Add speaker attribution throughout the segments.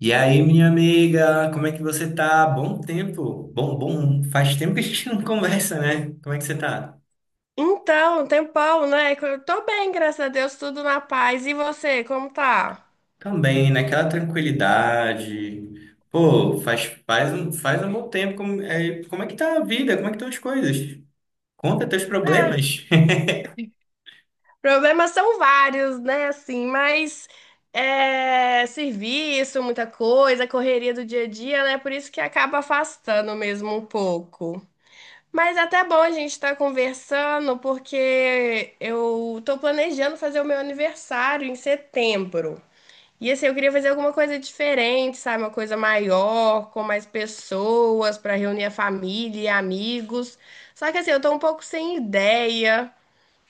Speaker 1: E aí, minha amiga, como é que você tá? Bom tempo. Bom, bom. Faz tempo que a gente não conversa, né? Como é que você tá?
Speaker 2: Então, tem Paulo, né? Eu tô bem, graças a Deus, tudo na paz. E você, como tá?
Speaker 1: Também, naquela tranquilidade. Pô, faz um bom tempo. Como é que tá a vida? Como é que estão as coisas? Conta teus
Speaker 2: Ah,
Speaker 1: problemas.
Speaker 2: problemas são vários, né? Assim, mas serviço, muita coisa, correria do dia a dia, né? Por isso que acaba afastando mesmo um pouco. Mas é até bom a gente estar conversando, porque eu tô planejando fazer o meu aniversário em setembro. E assim, eu queria fazer alguma coisa diferente, sabe? Uma coisa maior, com mais pessoas, para reunir a família e amigos. Só que assim, eu tô um pouco sem ideia.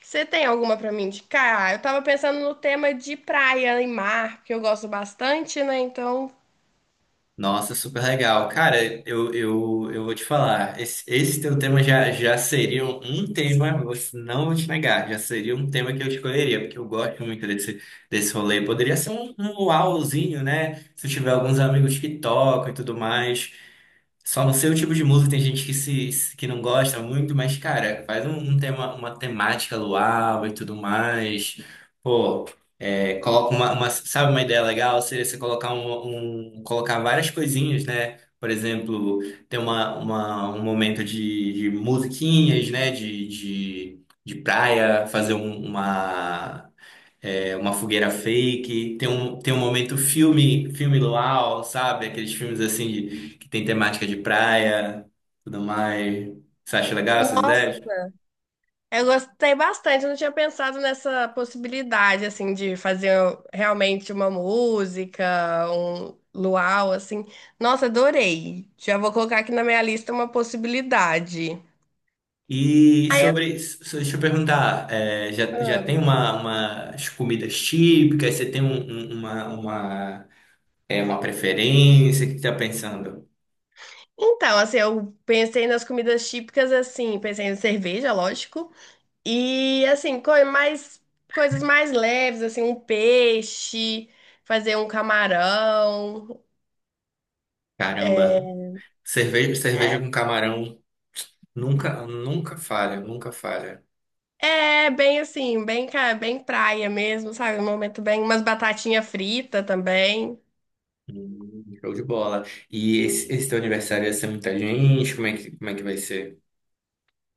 Speaker 2: Você tem alguma para me indicar? Eu tava pensando no tema de praia e mar, que eu gosto bastante, né? Então,
Speaker 1: Nossa, super legal. Cara, eu vou te falar, esse teu tema já seria um tema, não vou te negar, já seria um tema que eu escolheria, porque eu gosto muito desse rolê. Poderia ser um uauzinho, né? Se eu tiver alguns amigos que tocam e tudo mais. Só no seu tipo de música tem gente que não gosta muito, mas, cara, faz um tema, uma temática luau e tudo mais. Pô, sabe uma ideia legal? Seria você colocar várias coisinhas, né? Por exemplo, ter um momento de musiquinhas, né? De praia, fazer uma. É uma fogueira fake, tem um momento filme, filme luau, sabe? Aqueles filmes assim que tem temática de praia, tudo mais. Você acha legal essas
Speaker 2: nossa,
Speaker 1: ideias?
Speaker 2: eu gostei bastante, eu não tinha pensado nessa possibilidade, assim, de fazer realmente uma música, um luau, assim. Nossa, adorei. Já vou colocar aqui na minha lista uma possibilidade.
Speaker 1: E
Speaker 2: Aí eu-
Speaker 1: deixa eu perguntar, já
Speaker 2: Ah.
Speaker 1: tem umas comidas típicas? Você tem um- uma, uma, uma preferência? O que você tá pensando?
Speaker 2: Então, assim, eu pensei nas comidas típicas, assim, pensei em cerveja, lógico, e, assim, coisas mais leves, assim, um peixe, fazer um camarão.
Speaker 1: Caramba, cerveja
Speaker 2: É,
Speaker 1: com camarão nunca falha, nunca falha.
Speaker 2: é bem assim, bem, bem praia mesmo, sabe? Um momento bem, umas batatinha frita também.
Speaker 1: Show de bola. E esse teu aniversário ia ser muita gente? Como é que vai ser?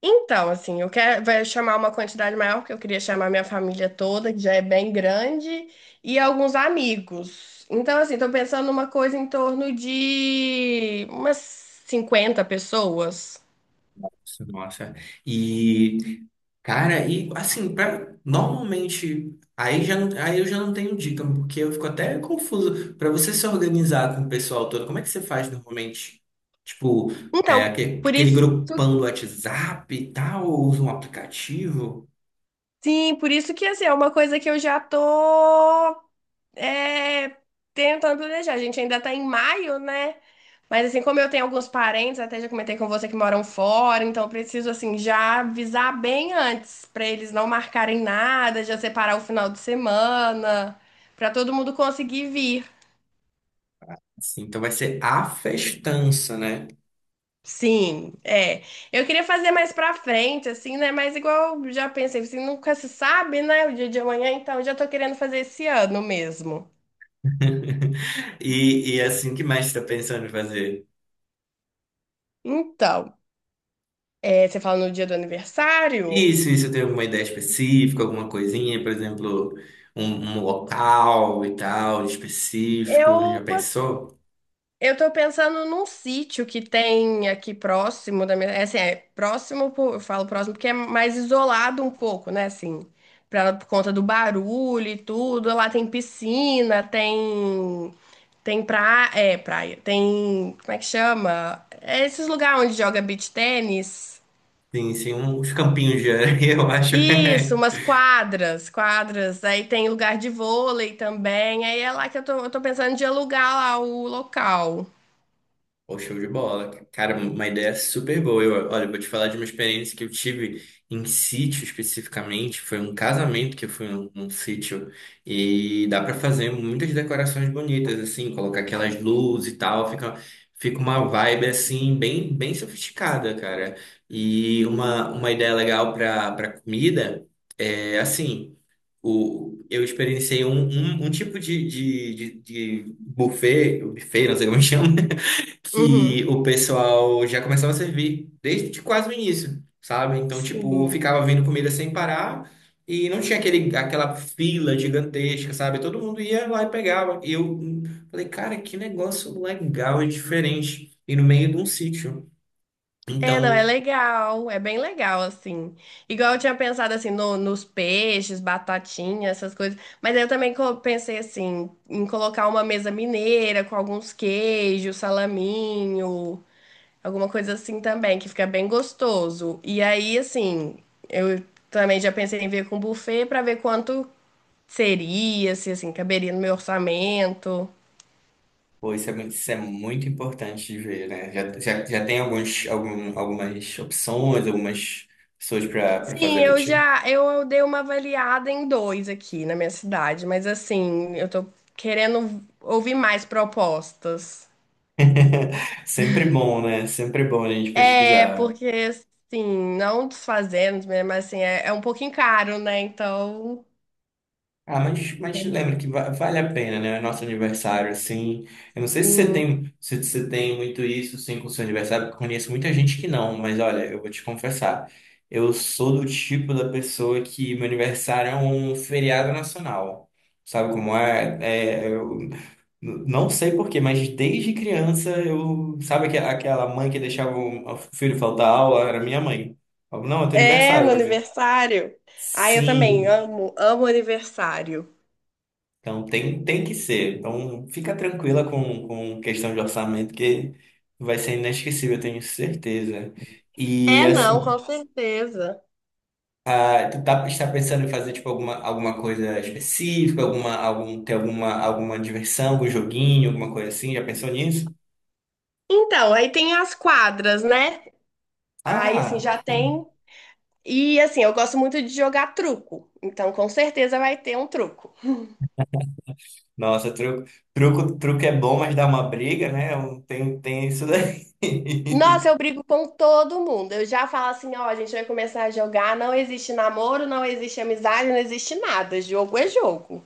Speaker 2: Então, assim, eu quero vai chamar uma quantidade maior, porque eu queria chamar minha família toda, que já é bem grande, e alguns amigos. Então, assim, tô pensando numa coisa em torno de umas 50 pessoas.
Speaker 1: Nossa. E, cara, e assim, normalmente, aí eu já não tenho dica, porque eu fico até confuso. Pra você se organizar com o pessoal todo, como é que você faz normalmente? Tipo,
Speaker 2: Então,
Speaker 1: aquele,
Speaker 2: por
Speaker 1: aquele
Speaker 2: isso,
Speaker 1: grupão do WhatsApp e tal, ou usa um aplicativo?
Speaker 2: sim, por isso que assim, é uma coisa que eu já tô é, tentando planejar. A gente ainda tá em maio, né? Mas assim, como eu tenho alguns parentes, até já comentei com você que moram fora, então eu preciso assim já avisar bem antes pra eles não marcarem nada, já separar o final de semana, pra todo mundo conseguir vir.
Speaker 1: Assim, então vai ser a festança, né?
Speaker 2: Sim, é. Eu queria fazer mais pra frente, assim, né? Mas igual eu já pensei, assim, nunca se sabe, né? O dia de amanhã, então eu já tô querendo fazer esse ano mesmo.
Speaker 1: E é assim, o que mais você tá pensando em fazer?
Speaker 2: Então, é, você fala no dia do aniversário?
Speaker 1: Isso tem alguma ideia específica, alguma coisinha, por exemplo, um, um local e tal, específico,
Speaker 2: Eu,
Speaker 1: já
Speaker 2: poss-
Speaker 1: pensou?
Speaker 2: eu tô pensando num sítio que tem aqui próximo da minha. É assim, é próximo, eu falo próximo porque é mais isolado um pouco, né? Assim, por conta do barulho e tudo. Lá tem piscina, tem. Tem praia. É, praia. Tem. Como é que chama? É esses lugares onde joga beach tênis.
Speaker 1: Sim, sim, uns campinhos de areia, eu acho.
Speaker 2: Isso, umas quadras, quadras. Aí tem lugar de vôlei também. Aí é lá que eu tô pensando de alugar lá o local.
Speaker 1: Pô, show de bola. Cara, uma ideia super boa. Olha, eu vou te falar de uma experiência que eu tive em sítio especificamente. Foi um casamento que eu fui num sítio. E dá pra fazer muitas decorações bonitas, assim, colocar aquelas luzes e tal. Fica uma vibe, assim, bem sofisticada, cara. E uma ideia legal pra comida é, assim, eu experienciei um tipo de buffet, não sei como chama
Speaker 2: Uhum.
Speaker 1: que o pessoal já começava a servir desde quase o início, sabe? Então, tipo,
Speaker 2: Sim.
Speaker 1: ficava vindo comida sem parar e não tinha aquele, aquela fila gigantesca, sabe? Todo mundo ia lá e pegava. E eu falei, cara, que negócio legal e diferente. E no meio de um sítio.
Speaker 2: É, não,
Speaker 1: Então,
Speaker 2: é legal, é bem legal, assim. Igual eu tinha pensado, assim, nos peixes, batatinha, essas coisas. Mas aí eu também pensei, assim, em colocar uma mesa mineira com alguns queijos, salaminho, alguma coisa assim também, que fica bem gostoso. E aí, assim, eu também já pensei em ver com buffet pra ver quanto seria, se, assim, caberia no meu orçamento.
Speaker 1: pô, isso é muito importante de ver, né? Já tem algumas opções, algumas pessoas para fazer
Speaker 2: Sim,
Speaker 1: para ti.
Speaker 2: eu dei uma avaliada em dois aqui na minha cidade, mas assim, eu tô querendo ouvir mais propostas.
Speaker 1: Sempre bom, né? Sempre bom a gente
Speaker 2: É,
Speaker 1: pesquisar.
Speaker 2: porque assim, não desfazendo, né, mas assim, é um pouquinho caro, né? Então,
Speaker 1: Ah, mas lembra que vale a pena, né? Nosso aniversário, assim. Eu não sei se você
Speaker 2: sim.
Speaker 1: tem, muito isso, sim, com o seu aniversário, porque eu conheço muita gente que não, mas olha, eu vou te confessar. Eu sou do tipo da pessoa que meu aniversário é um feriado nacional. Sabe como é? Eu não sei por quê, mas desde criança eu. Sabe aquela mãe que deixava o filho faltar aula? Era minha mãe. Falava, Não, é teu
Speaker 2: É,
Speaker 1: aniversário
Speaker 2: no
Speaker 1: hoje.
Speaker 2: aniversário. Ah, eu também
Speaker 1: Sim.
Speaker 2: amo, amo aniversário.
Speaker 1: Então tem que ser. Então fica tranquila com, questão de orçamento, que vai ser inesquecível, eu tenho certeza. E
Speaker 2: É, não,
Speaker 1: assim,
Speaker 2: com certeza.
Speaker 1: ah, está pensando em fazer tipo alguma coisa específica, ter alguma diversão, algum joguinho, alguma coisa assim? Já pensou nisso?
Speaker 2: Então, aí tem as quadras, né? Aí assim,
Speaker 1: Ah,
Speaker 2: já tem E assim, eu gosto muito de jogar truco, então com certeza vai ter um truco.
Speaker 1: nossa, truco é bom, mas dá uma briga, né? Tem isso daí.
Speaker 2: Nossa, eu brigo com todo mundo. Eu já falo assim, ó, a gente vai começar a jogar, não existe namoro, não existe amizade, não existe nada. Jogo é jogo.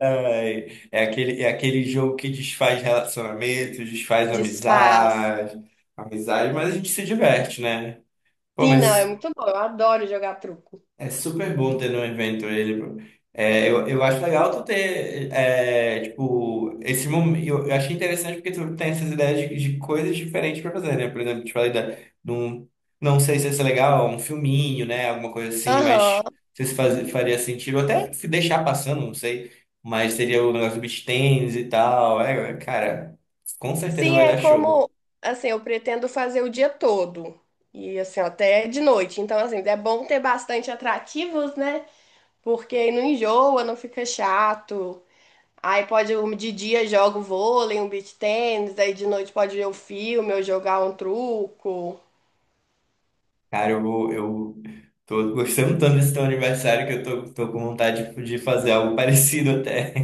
Speaker 1: Ai, É aquele jogo que desfaz relacionamentos, desfaz
Speaker 2: Desfaz.
Speaker 1: amizade, mas a gente se diverte, né? Pô,
Speaker 2: Sim, não, é
Speaker 1: mas
Speaker 2: muito bom. Eu adoro jogar truco.
Speaker 1: é super bom ter no evento ele, pô. Eu acho legal tu ter, tipo, esse momento. Eu achei interessante porque tu tem essas ideias de coisas diferentes pra fazer, né? Por exemplo, te falei de um, não sei se isso é legal, um filminho, né? Alguma coisa assim, mas
Speaker 2: Aham.
Speaker 1: não sei se faria sentido. Até se deixar passando, não sei. Mas seria o negócio do beach tennis e tal. Cara, com certeza
Speaker 2: Sim,
Speaker 1: vai
Speaker 2: é
Speaker 1: dar show.
Speaker 2: como, assim, eu pretendo fazer o dia todo. E assim, até de noite. Então, assim, é bom ter bastante atrativos, né? Porque aí não enjoa, não fica chato. De dia jogo vôlei, um beach tênis, aí de noite pode ver um filme ou jogar um truco.
Speaker 1: Cara, eu tô gostando tanto desse teu aniversário que eu tô com vontade de fazer algo parecido até.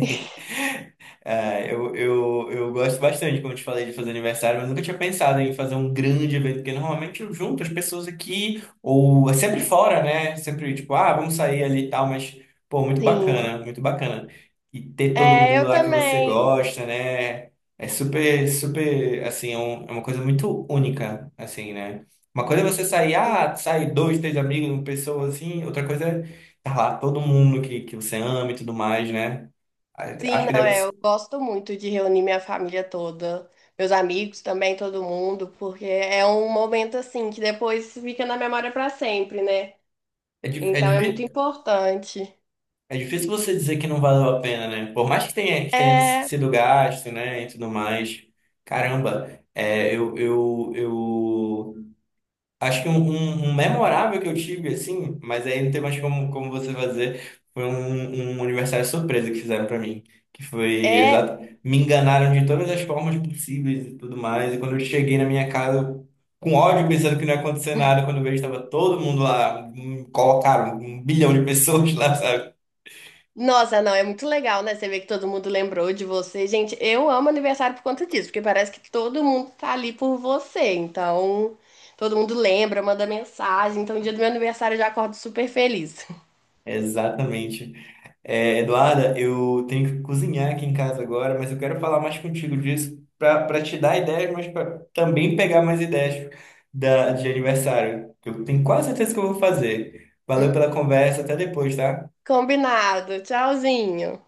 Speaker 1: Ah, eu gosto bastante, como eu te falei, de fazer aniversário, mas nunca tinha pensado em fazer um grande evento, porque normalmente eu junto as pessoas aqui, ou é sempre fora, né? Sempre tipo, ah, vamos sair ali e tal, mas, pô, muito
Speaker 2: Sim.
Speaker 1: bacana, muito bacana. E ter todo
Speaker 2: É,
Speaker 1: mundo
Speaker 2: eu
Speaker 1: lá que você
Speaker 2: também.
Speaker 1: gosta, né? É super, super, assim, é uma coisa muito única, assim, né? Uma coisa é você sair dois, três amigos, uma pessoa assim, outra coisa é tá lá todo mundo que você ama e tudo mais, né?
Speaker 2: Sim,
Speaker 1: Acho que
Speaker 2: não,
Speaker 1: deve
Speaker 2: é,
Speaker 1: ser.
Speaker 2: eu gosto muito de reunir minha família toda, meus amigos também, todo mundo, porque é um momento assim que depois fica na memória para sempre, né?
Speaker 1: É, di- é,
Speaker 2: Então é muito
Speaker 1: difí-
Speaker 2: importante.
Speaker 1: é difícil você dizer que não valeu a pena, né? Por mais que tenha
Speaker 2: É,
Speaker 1: sido gasto, né, e tudo mais. Caramba, eu acho que um memorável que eu tive, assim, mas aí não tem mais como você fazer, foi um aniversário surpresa que fizeram pra mim. Que foi
Speaker 2: é.
Speaker 1: exato. Me enganaram de todas as formas possíveis e tudo mais. E quando eu cheguei na minha casa, com ódio, pensando que não ia acontecer nada, quando eu vejo estava todo mundo lá, colocaram um bilhão de pessoas lá, sabe?
Speaker 2: Nossa, não, é muito legal, né? Você vê que todo mundo lembrou de você. Gente, eu amo aniversário por conta disso, porque parece que todo mundo tá ali por você. Então, todo mundo lembra, manda mensagem. Então, no dia do meu aniversário eu já acordo super feliz.
Speaker 1: Exatamente. Eduarda, eu tenho que cozinhar aqui em casa agora, mas eu quero falar mais contigo disso para te dar ideias, mas para também pegar mais ideias de aniversário, que eu tenho quase certeza que eu vou fazer. Valeu pela conversa, até depois, tá?
Speaker 2: Combinado. Tchauzinho.